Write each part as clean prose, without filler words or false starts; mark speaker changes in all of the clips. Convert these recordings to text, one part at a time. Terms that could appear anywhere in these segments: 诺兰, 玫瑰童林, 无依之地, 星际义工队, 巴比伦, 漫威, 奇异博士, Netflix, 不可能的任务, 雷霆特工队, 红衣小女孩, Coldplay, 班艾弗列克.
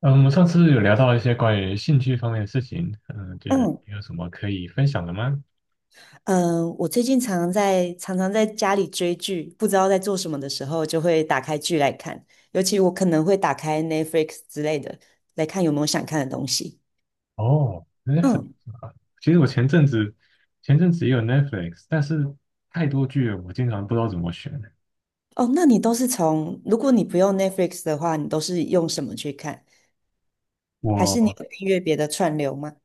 Speaker 1: 嗯，我们上次有聊到一些关于兴趣方面的事情，觉得
Speaker 2: 嗯，
Speaker 1: 你有什么可以分享的吗？
Speaker 2: 我最近常常在家里追剧，不知道在做什么的时候，就会打开剧来看。尤其我可能会打开 Netflix 之类的，来看有没有想看的东西。
Speaker 1: 哦，Netflix
Speaker 2: 嗯，
Speaker 1: 啊，其实我前阵子也有 Netflix，但是太多剧了，我经常不知道怎么选。
Speaker 2: 哦，那你都是从，如果你不用 Netflix 的话，你都是用什么去看？还是你
Speaker 1: 我
Speaker 2: 有订阅别的串流吗？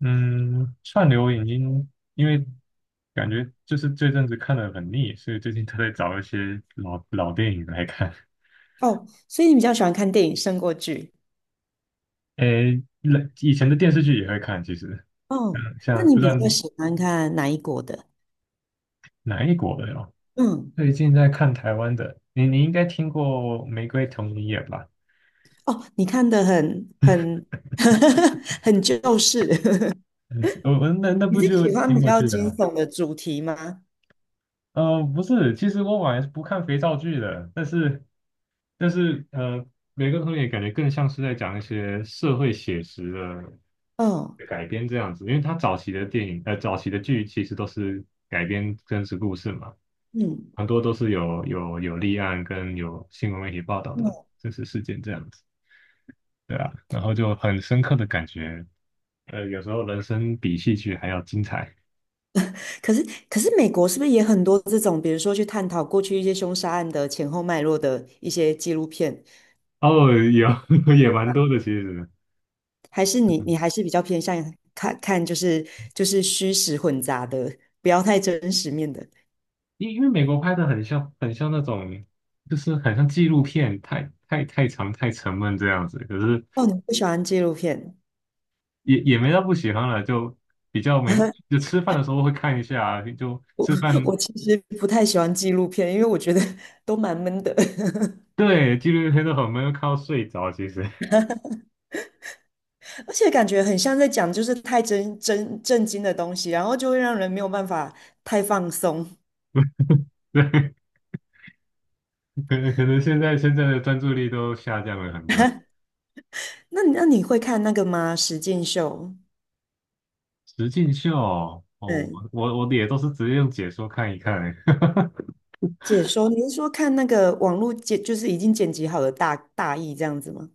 Speaker 1: 嗯，串流已经因为感觉就是这阵子看的很腻，所以最近都在找一些老电影来看。
Speaker 2: 哦，所以你比较喜欢看电影胜过剧。
Speaker 1: 诶，以前的电视剧也会看，其实
Speaker 2: 哦，那
Speaker 1: 像不
Speaker 2: 你
Speaker 1: 知
Speaker 2: 比
Speaker 1: 道
Speaker 2: 较喜欢看哪一国的？
Speaker 1: 哪一国的哦。
Speaker 2: 嗯，
Speaker 1: 最近在看台湾的，你应该听过《玫瑰童林》演吧？
Speaker 2: 哦，你看的很 很旧式。
Speaker 1: 嗯，我那
Speaker 2: 你
Speaker 1: 部
Speaker 2: 是
Speaker 1: 就
Speaker 2: 喜欢
Speaker 1: 挺
Speaker 2: 比
Speaker 1: 有
Speaker 2: 较
Speaker 1: 趣的
Speaker 2: 惊
Speaker 1: 啊。
Speaker 2: 悚的主题吗？
Speaker 1: 不是，其实我本来是不看肥皂剧的，但是《玫瑰童林》感觉更像是在讲一些社会写实
Speaker 2: 嗯
Speaker 1: 的改编这样子，因为他早期的早期的剧其实都是改编真实故事嘛，
Speaker 2: 嗯，
Speaker 1: 很多都是有立案跟有新闻媒体报道
Speaker 2: 嗯，
Speaker 1: 的真实事件这样子。对啊，然后就很深刻的感觉有时候人生比戏剧还要精彩。
Speaker 2: 可是可是美国是不是也很多这种，比如说去探讨过去一些凶杀案的前后脉络的一些纪录片？
Speaker 1: 哦，有 也蛮多的其实。
Speaker 2: 还是你还是比较偏向看看就是虚实混杂的，不要太真实面的？
Speaker 1: 因为美国拍的很像那种，就是很像纪录片，太长太沉闷这样子，可是
Speaker 2: 哦，你不喜欢纪录片？
Speaker 1: 也没到不喜欢了，就比较没就吃饭的时候会看一下啊，就吃 饭
Speaker 2: 我其实不太喜欢纪录片，因为我觉得 都蛮闷的。
Speaker 1: 对纪录片都很闷，看到睡着其实。
Speaker 2: 而且感觉很像在讲就是太真震惊的东西，然后就会让人没有办法太放松。
Speaker 1: 对，可能现在的专注力都下降了很多。
Speaker 2: 那你会看那个吗？实境秀，
Speaker 1: 实境秀哦，我
Speaker 2: 嗯，
Speaker 1: 我我也都是直接用解说看一看哈。
Speaker 2: 解说，你是说看那个网络剪，就是已经剪辑好的大意这样子吗？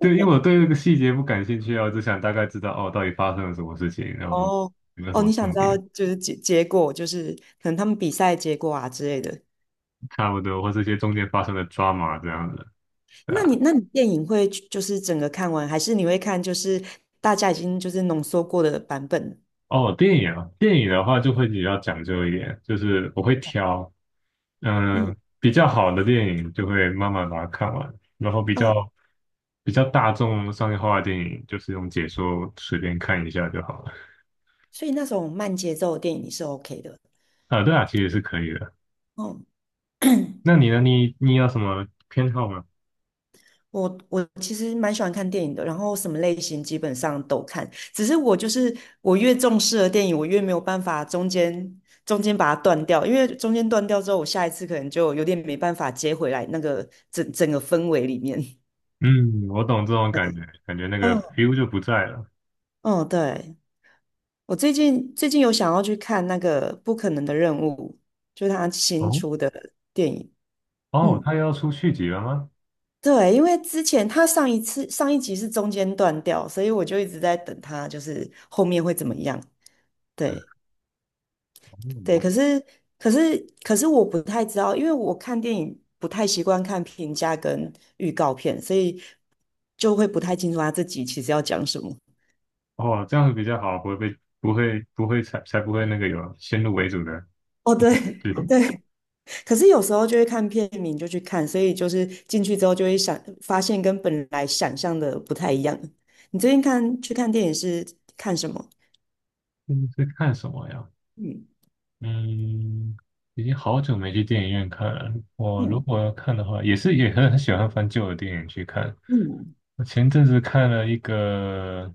Speaker 1: 对，因为我对这个细节不感兴趣啊，我只想大概知道哦，到底发生了什么事情，然后
Speaker 2: 哦
Speaker 1: 有没有什
Speaker 2: 哦，你
Speaker 1: 么
Speaker 2: 想
Speaker 1: 重
Speaker 2: 知道
Speaker 1: 点，
Speaker 2: 就是结果，就是可能他们比赛结果啊之类的。
Speaker 1: 差不多，或这些中间发生的 drama 这样的，对
Speaker 2: 那你
Speaker 1: 啊。
Speaker 2: 那你电影会去就是整个看完，还是你会看就是大家已经就是浓缩过的版本？
Speaker 1: 哦，电影的话就会比较讲究一点，就是我会挑。
Speaker 2: 嗯
Speaker 1: 嗯，比较好的电影就会慢慢把它看完，然后比较
Speaker 2: 嗯，
Speaker 1: 比较大众商业化的电影，就是用解说随便看一下就好了。
Speaker 2: 所以那种慢节奏的电影你是 OK 的。
Speaker 1: 啊，对啊，其实是可以的。
Speaker 2: 哦，
Speaker 1: 那你呢？你有什么偏好吗？
Speaker 2: 我其实蛮喜欢看电影的，然后什么类型基本上都看，只是我就是我越重视的电影，我越没有办法中间把它断掉，因为中间断掉之后，我下一次可能就有点没办法接回来那个整个氛围里面。
Speaker 1: 嗯，我懂这种感觉，感觉那个
Speaker 2: 嗯
Speaker 1: feel 就不在了。
Speaker 2: 嗯，对，我最近有想要去看那个《不可能的任务》，就是他新
Speaker 1: 哦
Speaker 2: 出的电影。
Speaker 1: 哦，
Speaker 2: 嗯。
Speaker 1: 他要出续集了吗？
Speaker 2: 对，因为之前他上一集是中间断掉，所以我就一直在等他，就是后面会怎么样。对
Speaker 1: 哦，
Speaker 2: 对，
Speaker 1: 我
Speaker 2: 可是我不太知道，因为我看电影不太习惯看评价跟预告片，所以就会不太清楚他这集其实要讲什么。
Speaker 1: 哦这样子比较好，不会才不会那个有先入为主的。
Speaker 2: 哦，对
Speaker 1: 最
Speaker 2: 对，可是有时候就会看片名就去看，所以就是进去之后就会想发现跟本来想象的不太一样。你最近去看电影是看什么？
Speaker 1: 嗯是 看什么呀？
Speaker 2: 嗯
Speaker 1: 嗯，已经好久没去电影院看了。我如
Speaker 2: 嗯
Speaker 1: 果要看的话，也很喜欢翻旧的电影去看。
Speaker 2: 嗯。
Speaker 1: 我前阵子看了一个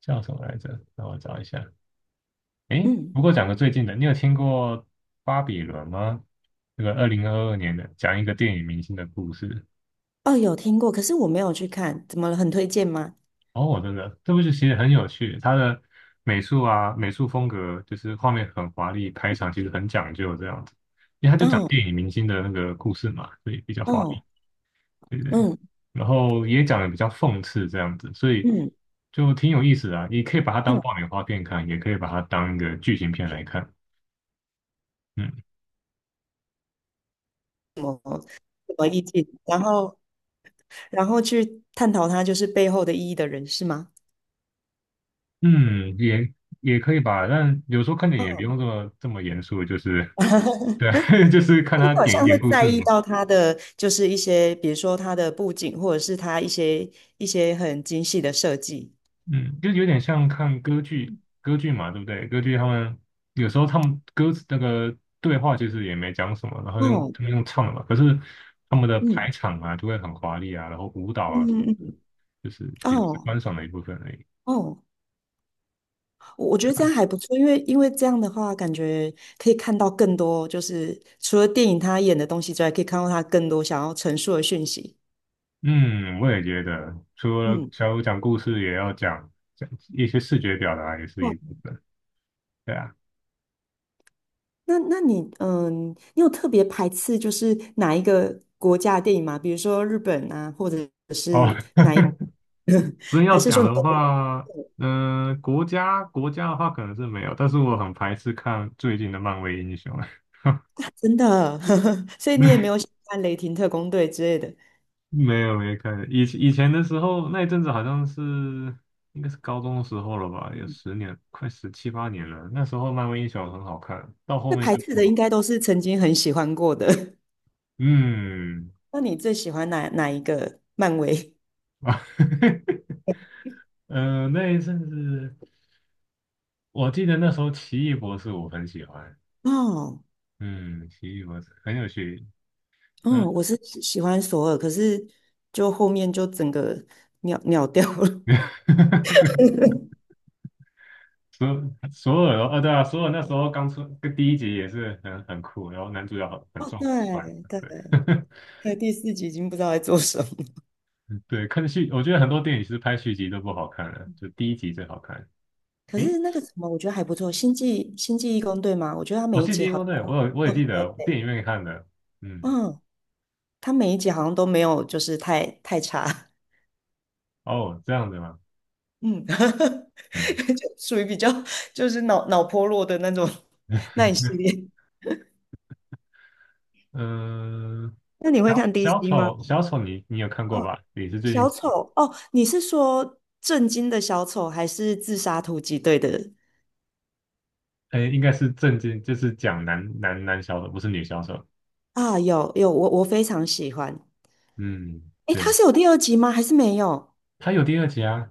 Speaker 1: 叫什么来着？让我找一下。诶，
Speaker 2: 嗯，
Speaker 1: 不过讲个最近的，你有听过《巴比伦》吗？这个2022年的，讲一个电影明星的故事。
Speaker 2: 哦，有听过，可是我没有去看，怎么了？很推荐吗？
Speaker 1: 哦，真的，这部剧其实很有趣，它的美术风格就是画面很华丽，开场其实很讲究这样子，因为他就讲
Speaker 2: 哦，
Speaker 1: 电影明星的那个故事嘛，所以比较华丽，
Speaker 2: 哦，
Speaker 1: 对不对？
Speaker 2: 嗯
Speaker 1: 然后也讲的比较讽刺这样子，所以
Speaker 2: 嗯
Speaker 1: 就挺有意思的啊。你可以把它当
Speaker 2: 嗯，
Speaker 1: 爆米花片看，也可以把它当一个剧情片来看。嗯。
Speaker 2: 什么意境？然后去探讨它就是背后的意义的人是吗？
Speaker 1: 嗯，也也可以吧，但有时候看电影也不
Speaker 2: 哦，
Speaker 1: 用这么严肃，就是对。就 是看
Speaker 2: 你
Speaker 1: 他
Speaker 2: 好
Speaker 1: 演
Speaker 2: 像会
Speaker 1: 点故
Speaker 2: 在
Speaker 1: 事
Speaker 2: 意
Speaker 1: 嘛。
Speaker 2: 到他的就是一些，比如说他的布景，或者是他一些很精细的设计。
Speaker 1: 嗯，就有点像看歌剧，歌剧嘛，对不对？歌剧他们有时候他们歌词那个对话其实也没讲什么，然后用
Speaker 2: 哦，
Speaker 1: 他们用唱的嘛，可是他们的排
Speaker 2: 嗯
Speaker 1: 场啊就会很华丽啊，然后舞蹈啊什么，
Speaker 2: 嗯嗯，嗯
Speaker 1: 就是也是
Speaker 2: 哦
Speaker 1: 观赏的一部分而已
Speaker 2: 哦，我觉得这样
Speaker 1: 啊。
Speaker 2: 还不错，因为这样的话，感觉可以看到更多，就是除了电影他演的东西之外，可以看到他更多想要陈述的讯息。
Speaker 1: 嗯，我也觉得，除了
Speaker 2: 嗯，
Speaker 1: 小五讲故事，也要讲讲一些视觉表达，也是一
Speaker 2: 哦，
Speaker 1: 部分。对啊。
Speaker 2: 那你有特别排斥就是哪一个国家的电影吗？比如说日本啊，或者
Speaker 1: 哦，真
Speaker 2: 还
Speaker 1: 要
Speaker 2: 是
Speaker 1: 讲
Speaker 2: 说你
Speaker 1: 的
Speaker 2: 都不
Speaker 1: 话，国家的话可能是没有，但是我很排斥看最近的漫威英雄。
Speaker 2: 真的，所以你也没 有喜欢《雷霆特工队》之类的？
Speaker 1: 没有没有看，以前的时候那一阵子好像是应该是高中的时候了吧，有
Speaker 2: 嗯，
Speaker 1: 10年，快17、18年了。那时候漫威英雄很好看，到后
Speaker 2: 会
Speaker 1: 面
Speaker 2: 排
Speaker 1: 就
Speaker 2: 斥
Speaker 1: 不
Speaker 2: 的应
Speaker 1: 好。
Speaker 2: 该都是曾经很喜欢过的。
Speaker 1: 嗯，
Speaker 2: 那你最喜欢哪一个漫威？
Speaker 1: 啊，那一阵子我记得那时候奇异博士我很喜欢。
Speaker 2: 哦。
Speaker 1: 嗯，奇异博士很有趣。嗯，
Speaker 2: 哦，我是喜欢索尔，可是就后面就整个秒掉了。
Speaker 1: 索所有哦，哦对啊，所有那时候刚出跟第一集也是很酷，然后男主角很
Speaker 2: 哦，
Speaker 1: 壮很帅，
Speaker 2: 对对
Speaker 1: 对。
Speaker 2: 对，第四集已经不知道在做什么。
Speaker 1: 对，我觉得很多电影其实拍续集都不好看了，就第一集最好看。
Speaker 2: 可
Speaker 1: 诶，
Speaker 2: 是那个什么，我觉得还不错，《星际义工队》嘛，我觉得他
Speaker 1: 哦，
Speaker 2: 每一
Speaker 1: 谢
Speaker 2: 集
Speaker 1: 金
Speaker 2: 好
Speaker 1: 哦，对，
Speaker 2: 像
Speaker 1: 我也
Speaker 2: 都很
Speaker 1: 记得
Speaker 2: 有美
Speaker 1: 电影院看的。嗯，
Speaker 2: 嗯，它每一集好像都没有就是太差，
Speaker 1: 哦，这样子吗？
Speaker 2: 嗯，
Speaker 1: 嗯
Speaker 2: 就属于比较就是脑波弱的那种 那一系 列。
Speaker 1: 嗯，
Speaker 2: 那你
Speaker 1: 小
Speaker 2: 会看
Speaker 1: 小
Speaker 2: DC 吗？
Speaker 1: 丑小丑你有看过吧？也是最近，
Speaker 2: 小丑哦，你是说震惊的小丑，还是自杀突击队的？
Speaker 1: 诶，应该是正经，就是讲男小丑，不是女小丑。
Speaker 2: 啊，有有，我非常喜欢。
Speaker 1: 嗯，
Speaker 2: 诶，他
Speaker 1: 对，
Speaker 2: 是有第二集吗？还是没有？
Speaker 1: 他有第二集啊。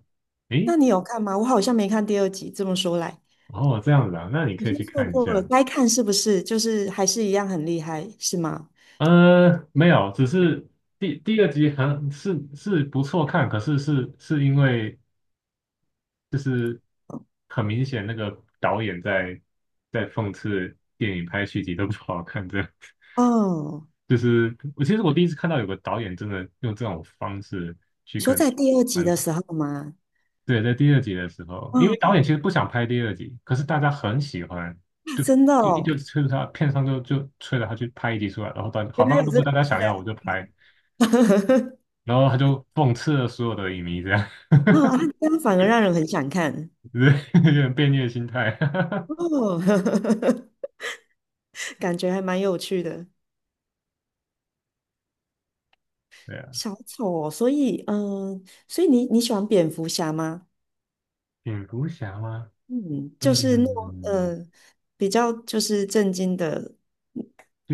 Speaker 1: 诶，
Speaker 2: 那你有看吗？我好像没看第二集。这么说来，
Speaker 1: 哦，这样子啊，那你
Speaker 2: 好
Speaker 1: 可以
Speaker 2: 像
Speaker 1: 去
Speaker 2: 错
Speaker 1: 看一
Speaker 2: 过了，
Speaker 1: 下。
Speaker 2: 该看是不是？就是还是一样很厉害，是吗？
Speaker 1: 没有，只是第二集很是不错看，可是是因为就是很明显那个导演在讽刺电影拍续集都不好看，这样
Speaker 2: 哦，
Speaker 1: 就是我其实第一次看到有个导演真的用这种方式去
Speaker 2: 你说
Speaker 1: 跟
Speaker 2: 在第二集
Speaker 1: 观
Speaker 2: 的
Speaker 1: 众。
Speaker 2: 时候吗？
Speaker 1: 对，在第二集的时候，因为导
Speaker 2: 哦，
Speaker 1: 演其实不想拍第二集，可是大家很喜欢，
Speaker 2: 啊
Speaker 1: 就
Speaker 2: 真的
Speaker 1: 就
Speaker 2: 哦
Speaker 1: 催着他，片商就催着他去拍一集出来，然后导演 好
Speaker 2: 原来
Speaker 1: 吧，
Speaker 2: 有
Speaker 1: 如
Speaker 2: 这
Speaker 1: 果
Speaker 2: 个
Speaker 1: 大家
Speaker 2: 期
Speaker 1: 想
Speaker 2: 待。
Speaker 1: 要我就拍，然后他就讽刺了所有的影迷，这样。
Speaker 2: 哦，啊 这样反而让人很想看
Speaker 1: 对，有点变虐心态。
Speaker 2: 哦，感觉还蛮有趣的。
Speaker 1: 对啊，
Speaker 2: 小丑哦，所以你喜欢蝙蝠侠吗？
Speaker 1: 蝙蝠侠吗？
Speaker 2: 嗯，就是
Speaker 1: 嗯，
Speaker 2: 比较就是震惊的，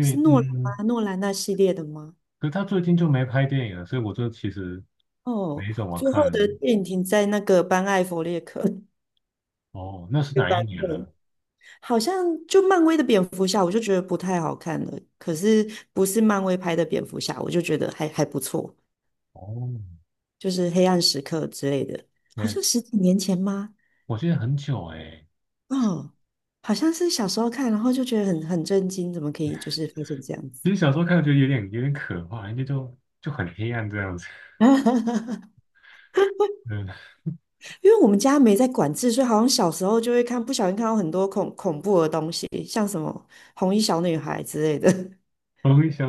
Speaker 2: 是诺兰吗？诺兰那系列的吗？
Speaker 1: 可是他最近就没拍电影了，所以我就其实
Speaker 2: 哦，
Speaker 1: 没怎么
Speaker 2: 最后
Speaker 1: 看。
Speaker 2: 的电影停在那个班艾弗列克
Speaker 1: 哦，那是
Speaker 2: 的
Speaker 1: 哪
Speaker 2: 版
Speaker 1: 一年
Speaker 2: 本，
Speaker 1: 了？
Speaker 2: 好像就漫威的蝙蝠侠，我就觉得不太好看了。可是不是漫威拍的蝙蝠侠，我就觉得还不错，
Speaker 1: 哦，
Speaker 2: 就是黑暗时刻之类的，好
Speaker 1: 对，
Speaker 2: 像十几年前吗？
Speaker 1: 我记得很久哎、
Speaker 2: 哦，好像是小时候看，然后就觉得很震惊，怎么可以就是发生这样子？
Speaker 1: 其实小时候看觉得有点可怕，因为就很黑暗这样子。嗯，
Speaker 2: 因为我们家没在管制，所以好像小时候就会看，不小心看到很多恐怖的东西，像什么红衣小女孩之类的。
Speaker 1: 我会想，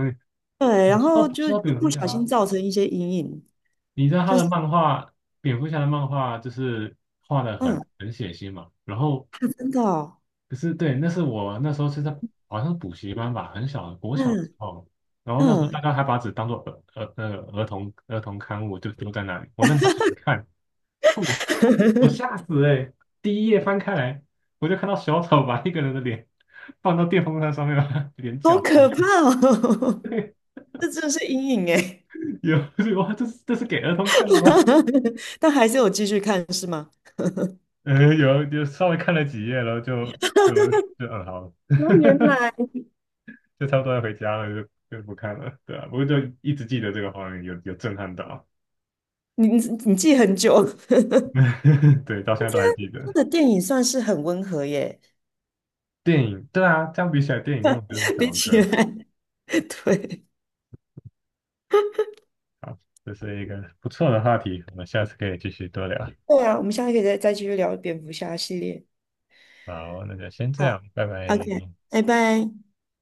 Speaker 2: 对，
Speaker 1: 我
Speaker 2: 然
Speaker 1: 知道
Speaker 2: 后
Speaker 1: 知
Speaker 2: 就
Speaker 1: 道
Speaker 2: 就
Speaker 1: 蝙蝠
Speaker 2: 不小心
Speaker 1: 侠，
Speaker 2: 造成一些阴影，
Speaker 1: 你知道他
Speaker 2: 就
Speaker 1: 的
Speaker 2: 是
Speaker 1: 漫画，蝙蝠侠的漫画就是画的
Speaker 2: 嗯，
Speaker 1: 很
Speaker 2: 啊
Speaker 1: 很血腥嘛。然后
Speaker 2: 真的哦，
Speaker 1: 可是对，那是我那时候好像是补习班吧，很小国小的时
Speaker 2: 嗯
Speaker 1: 候，然后那时候大
Speaker 2: 嗯，
Speaker 1: 家还把纸当做儿儿那个儿童儿童刊物就丢在那里，我就拿起来看，哦，我 吓死哎、欸！第一页翻开来，我就看到小丑把一个人的脸放到电风扇上面，把他脸
Speaker 2: 好
Speaker 1: 搅
Speaker 2: 可
Speaker 1: 拌。
Speaker 2: 怕哦，这真的是阴影哎。
Speaker 1: 有哇，这是给儿童看的吗？
Speaker 2: 但还是有继续看是吗？
Speaker 1: 有稍微看了几页，然后就就好了，
Speaker 2: 哦，原来
Speaker 1: 就差不多要回家了，就不看了。对啊，不过就一直记得这个画面，有震撼到。
Speaker 2: 你你你记很久。
Speaker 1: 对，到现在都还记
Speaker 2: 他
Speaker 1: 得。
Speaker 2: 的电影算是很温和耶。
Speaker 1: 电影，对啊，这样比起来，电影跟我就是 小
Speaker 2: 比
Speaker 1: 儿
Speaker 2: 起
Speaker 1: 科。
Speaker 2: 来，对
Speaker 1: 好，这是一个不错的话题，我们下次可以继续多聊。
Speaker 2: 对啊，我们下次可以再继续聊蝙蝠侠系列。
Speaker 1: 好，那就先这样，
Speaker 2: 好
Speaker 1: 拜拜。
Speaker 2: ，OK，拜拜。